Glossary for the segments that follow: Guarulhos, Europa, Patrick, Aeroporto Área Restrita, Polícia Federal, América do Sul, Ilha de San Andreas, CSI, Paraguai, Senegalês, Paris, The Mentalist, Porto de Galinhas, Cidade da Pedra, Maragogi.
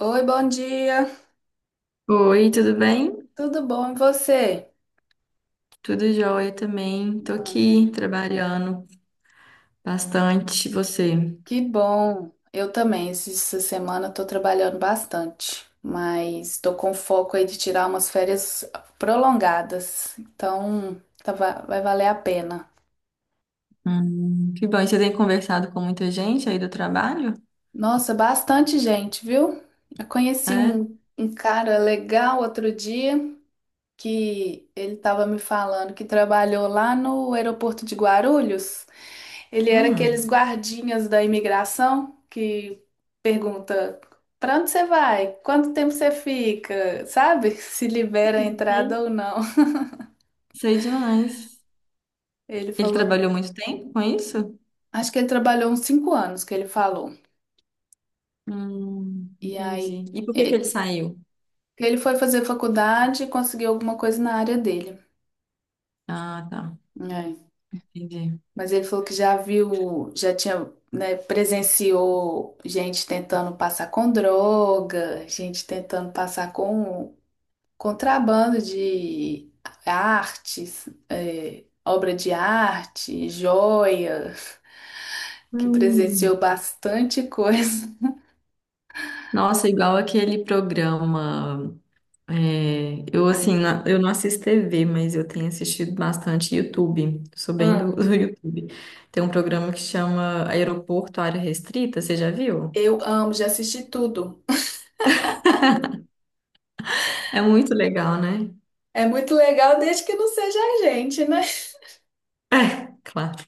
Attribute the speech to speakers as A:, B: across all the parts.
A: Oi, bom dia.
B: Oi, tudo bem?
A: Tudo bom e você?
B: Tudo jóia também. Tô
A: Ah,
B: aqui trabalhando bastante. E você?
A: que bom. Eu também. Essa semana eu tô trabalhando bastante, mas tô com foco aí de tirar umas férias prolongadas. Então, vai valer a pena.
B: Que bom. E você tem conversado com muita gente aí do trabalho?
A: Nossa, bastante gente, viu? Eu conheci
B: É?
A: um cara legal outro dia. Que ele estava me falando que trabalhou lá no aeroporto de Guarulhos. Ele era aqueles
B: Hum,
A: guardinhas da imigração que pergunta para onde você vai? Quanto tempo você fica? Sabe? Se libera a
B: Hum,
A: entrada
B: sei.
A: ou não.
B: Sei demais.
A: Ele
B: Ele
A: falou,
B: trabalhou muito tempo com isso?
A: acho que ele trabalhou uns 5 anos que ele falou. E aí
B: Entendi. E por que que ele
A: ele
B: saiu?
A: ele foi fazer faculdade e conseguiu alguma coisa na área dele.
B: Ah, tá. Entendi.
A: Mas ele falou que já viu, já tinha, né, presenciou gente tentando passar com droga, gente tentando passar com contrabando de artes, é, obra de arte, joia, que
B: Hum.
A: presenciou bastante coisa.
B: Nossa, igual aquele programa. É, eu assim, eu não assisto TV, mas eu tenho assistido bastante YouTube. Sou bem
A: Hum,
B: do YouTube. Tem um programa que chama Aeroporto Área Restrita, você já viu?
A: eu amo, já assisti tudo.
B: É muito legal, né?
A: É muito legal, desde que não seja a gente, né? O
B: É, claro.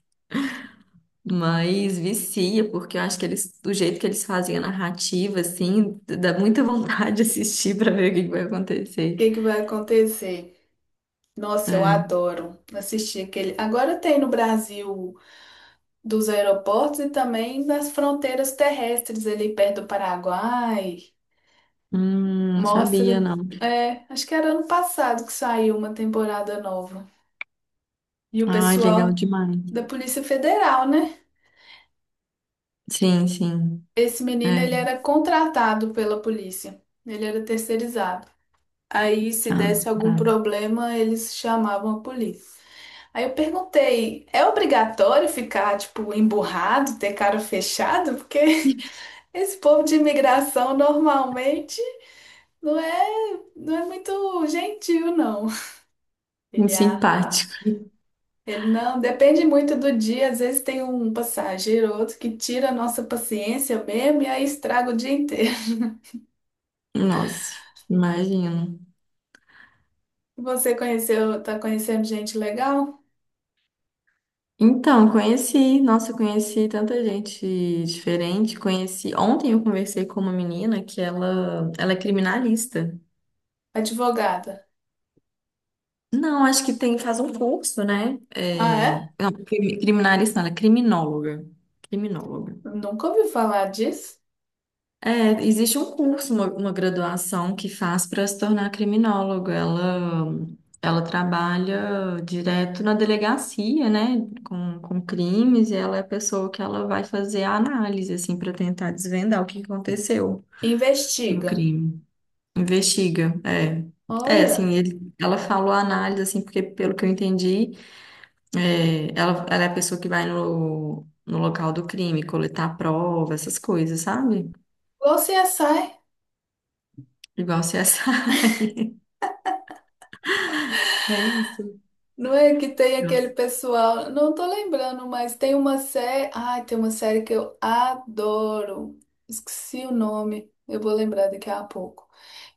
B: Mas vicia, porque eu acho que eles, do jeito que eles fazem a narrativa, assim, dá muita vontade de assistir para ver o que que vai acontecer.
A: que que vai acontecer? Nossa, eu
B: É.
A: adoro assistir aquele. Agora tem no Brasil. Dos aeroportos e também das fronteiras terrestres ali perto do Paraguai.
B: Não sabia,
A: Mostra.
B: não.
A: É, acho que era ano passado que saiu uma temporada nova. E o
B: Ai, legal
A: pessoal
B: demais.
A: da Polícia Federal, né?
B: Sim, sim.
A: Esse menino,
B: É.
A: ele era contratado pela polícia. Ele era terceirizado. Aí, se
B: Ah,
A: desse algum
B: tá.
A: problema, eles chamavam a polícia. Aí eu perguntei, é obrigatório ficar, tipo, emburrado, ter cara fechada? Porque esse povo de imigração normalmente não é muito gentil, não.
B: Muito
A: Ele, ah,
B: simpático.
A: ele não, depende muito do dia. Às vezes tem um passageiro ou outro que tira a nossa paciência mesmo e aí estraga o dia inteiro.
B: Nossa, imagino.
A: Você conheceu, tá conhecendo gente legal?
B: Então, conheci, nossa, eu conheci tanta gente diferente. Conheci, ontem eu conversei com uma menina que ela é criminalista.
A: Advogada.
B: Não, acho que tem, faz um curso, né?
A: Ah, é?
B: É, não, criminalista, não, ela é criminóloga. Criminóloga.
A: Nunca ouvi falar disso.
B: É, existe um curso, uma graduação que faz para se tornar criminólogo. Ela trabalha direto na delegacia, né, com crimes, e ela é a pessoa que ela vai fazer a análise, assim, para tentar desvendar o que aconteceu no
A: Investiga.
B: crime. Investiga, é. É, assim,
A: Olha,
B: ela falou a análise, assim, porque pelo que eu entendi, é, ela é a pessoa que vai no local do crime, coletar prova, essas coisas, sabe?
A: igual CSI.
B: Igual CSI. É isso.
A: Não é que tem aquele pessoal, não tô lembrando, mas tem uma série, ai, tem uma série que eu adoro. Esqueci o nome, eu vou lembrar daqui a pouco.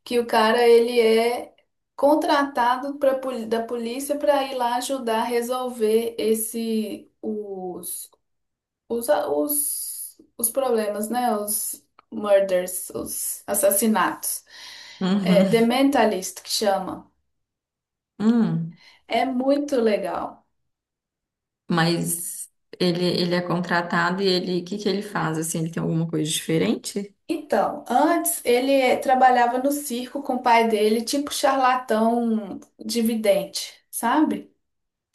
A: Que o cara, ele é contratado pra, da polícia para ir lá ajudar a resolver esse os problemas, né? Os murders, os assassinatos. É, The
B: Uhum.
A: Mentalist que chama.
B: Hum.
A: É muito legal.
B: Mas ele é contratado e ele, o que que ele faz? Assim, ele tem alguma coisa diferente?
A: Então, antes ele trabalhava no circo com o pai dele, tipo charlatão de vidente, sabe?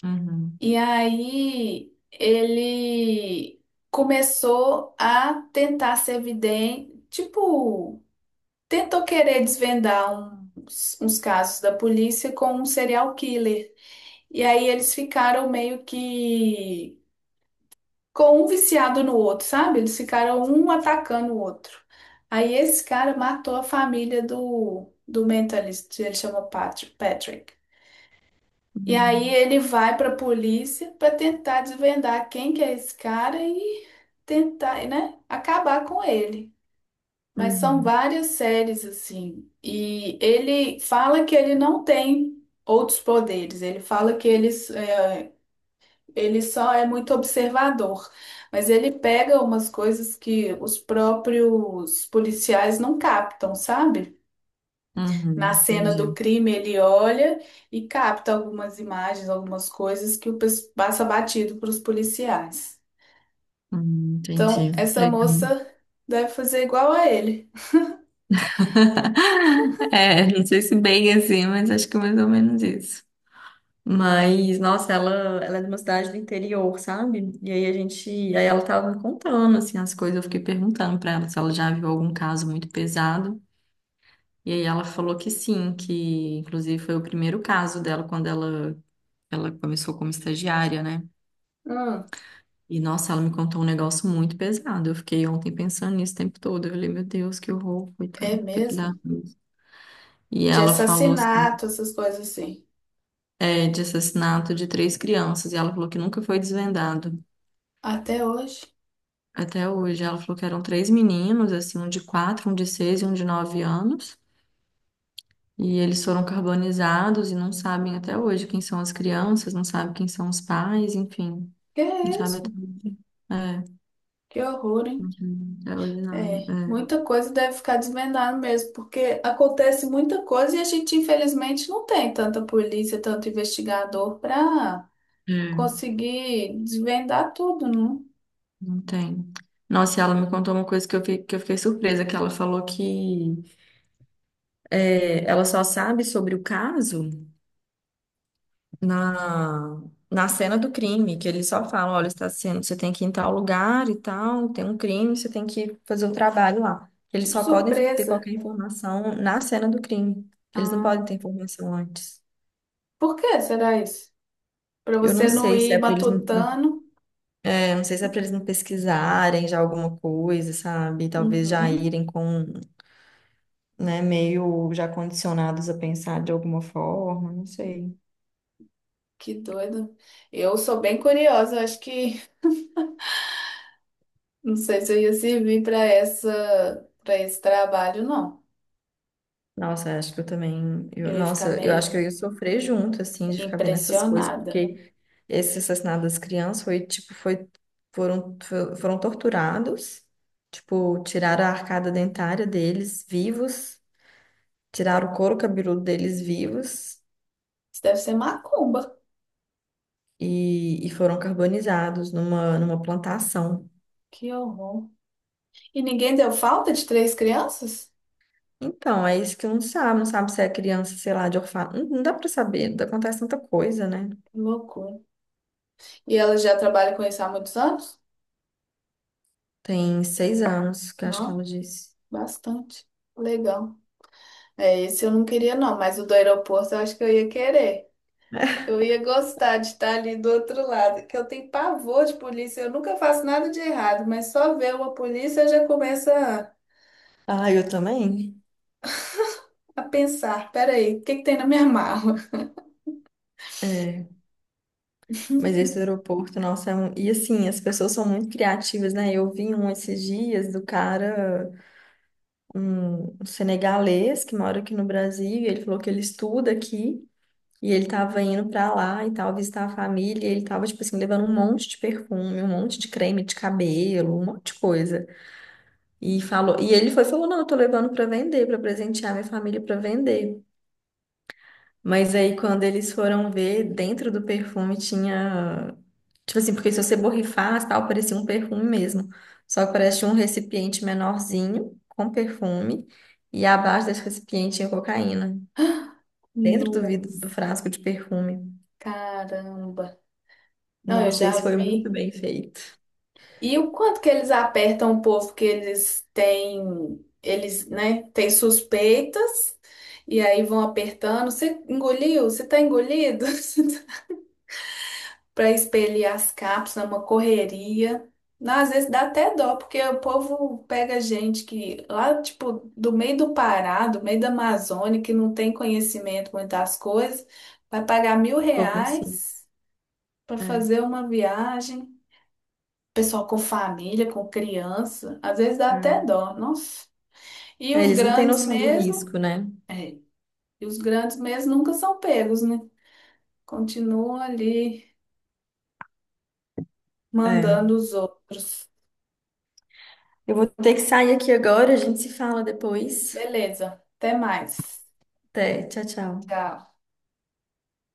B: Uhum.
A: E aí ele começou a tentar ser vidente, tipo, tentou querer desvendar uns casos da polícia com um serial killer. E aí eles ficaram meio que com um viciado no outro, sabe? Eles ficaram um atacando o outro. Aí esse cara matou a família do mentalista, ele chama Patrick. E aí
B: Uhum.
A: ele vai pra polícia pra tentar desvendar quem que é esse cara e tentar, né, acabar com ele. Mas são
B: Uhum.
A: várias séries assim. E ele fala que ele não tem outros poderes. Ele fala que ele só é muito observador, mas ele pega umas coisas que os próprios policiais não captam, sabe? Na
B: Uhum.
A: cena do
B: Entendi.
A: crime, ele olha e capta algumas imagens, algumas coisas que o passa batido para os policiais. Então,
B: Entendi.
A: essa
B: Legal.
A: moça deve fazer igual a ele.
B: É, não sei se bem assim, mas acho que mais ou menos isso. Mas, nossa, ela é de uma cidade do interior, sabe? E aí a gente, aí ela tava me contando, assim, as coisas, eu fiquei perguntando pra ela se ela já viu algum caso muito pesado. E aí ela falou que sim, que inclusive foi o primeiro caso dela quando ela começou como estagiária, né?
A: Hum,
B: E nossa, ela me contou um negócio muito pesado. Eu fiquei ontem pensando nisso o tempo todo. Eu falei, meu Deus, que horror,
A: é
B: coitada, tem que dar.
A: mesmo?
B: E
A: De
B: ela falou assim,
A: assassinato, essas coisas assim.
B: é, de assassinato de três crianças, e ela falou que nunca foi desvendado.
A: Até hoje.
B: Até hoje, ela falou que eram três meninos, assim, um de 4, um de 6 e um de 9 anos. E eles foram carbonizados e não sabem até hoje quem são as crianças, não sabem quem são os pais, enfim.
A: Que é
B: Sabe?
A: isso?
B: É,
A: Que horror, hein?
B: uhum, é
A: É,
B: ordinário.
A: muita coisa deve ficar desvendada mesmo, porque acontece muita coisa e a gente, infelizmente, não tem tanta polícia, tanto investigador para
B: É, é,
A: conseguir desvendar tudo, não?
B: não tem. Nossa, e ela me contou uma coisa que que eu fiquei surpresa, que ela falou que é, ela só sabe sobre o caso na, na cena do crime, que eles só falam, olha, está sendo, você tem que ir em tal lugar e tal, tem um crime, você tem que fazer um trabalho lá. Eles
A: Tipo
B: só podem ter
A: surpresa.
B: qualquer informação na cena do crime. Eles não
A: Ah,
B: podem ter informação antes.
A: por que será isso? Para
B: Eu não
A: você não
B: sei se
A: ir
B: é para eles não
A: matutando?
B: Eu não sei se é para eles não pesquisarem já alguma coisa, sabe? Talvez já
A: Uhum,
B: irem com, né, meio já condicionados a pensar de alguma forma, não sei.
A: que doido. Eu sou bem curiosa, acho que não sei se eu ia servir para essa, para esse trabalho, não.
B: Nossa, acho que eu também.
A: Eu ia ficar
B: Nossa, eu acho que eu
A: meio
B: ia sofrer junto, assim, de ficar vendo essas coisas,
A: impressionada.
B: porque esse assassinato das crianças foi, tipo, foi, foram, foram torturados, tipo, tiraram a arcada dentária deles vivos, tiraram o couro cabeludo deles vivos.
A: Isso deve ser macumba.
B: E foram carbonizados numa, numa plantação.
A: Que horror. E ninguém deu falta de três crianças?
B: Então, é isso que não sabe, não sabe se é criança, sei lá, de orfanato. Não, não dá pra saber, acontece tanta coisa, né?
A: Que loucura. E ela já trabalha com isso há muitos anos?
B: Tem 6 anos, que eu acho que
A: Não,
B: ela disse.
A: bastante. Legal. É, esse eu não queria, não, mas o do aeroporto eu acho que eu ia querer. Eu ia gostar de estar ali do outro lado, que eu tenho pavor de polícia, eu nunca faço nada de errado, mas só ver uma polícia eu já começo
B: Ah, eu também?
A: a pensar: peraí, o que que tem na minha mala?
B: É, mas esse aeroporto, nossa, é um... E assim, as pessoas são muito criativas, né? Eu vi um esses dias do cara, um senegalês que mora aqui no Brasil, e ele falou que ele estuda aqui, e ele tava indo pra lá e tal, visitar a família, e ele tava, tipo assim, levando um monte de perfume, um monte de creme de cabelo, um monte de coisa. E falou, e ele foi e falou: "Não, eu tô levando pra vender, pra presentear minha família pra vender". Mas aí quando eles foram ver, dentro do perfume tinha, tipo assim, porque se você borrifasse, tal, parecia um perfume mesmo. Só que parecia um recipiente menorzinho com perfume e abaixo desse recipiente tinha cocaína, dentro do vidro do
A: Nossa,
B: frasco de perfume.
A: caramba. Não, eu
B: Nossa, esse
A: já
B: foi muito
A: vi.
B: bem feito.
A: E o quanto que eles apertam o povo que eles têm, eles, né, têm suspeitas e aí vão apertando. Você engoliu? Você tá engolido? Para expelir as cápsulas, é uma correria. Não, às vezes dá até dó, porque o povo pega gente que lá, tipo, do meio do Pará, do meio da Amazônia, que não tem conhecimento muito das coisas, vai pagar mil
B: Vou conseguir.
A: reais para
B: É,
A: fazer uma viagem pessoal com família, com criança, às vezes dá até
B: é.
A: dó, nossa. E
B: É,
A: os
B: eles não têm
A: grandes
B: noção do
A: mesmo,
B: risco, né?
A: e os grandes mesmo nunca são pegos, né? Continuam ali
B: É.
A: mandando os outros.
B: Eu vou ter que sair aqui agora, a gente se fala depois.
A: Beleza, até mais.
B: Até, tchau, tchau.
A: Tchau.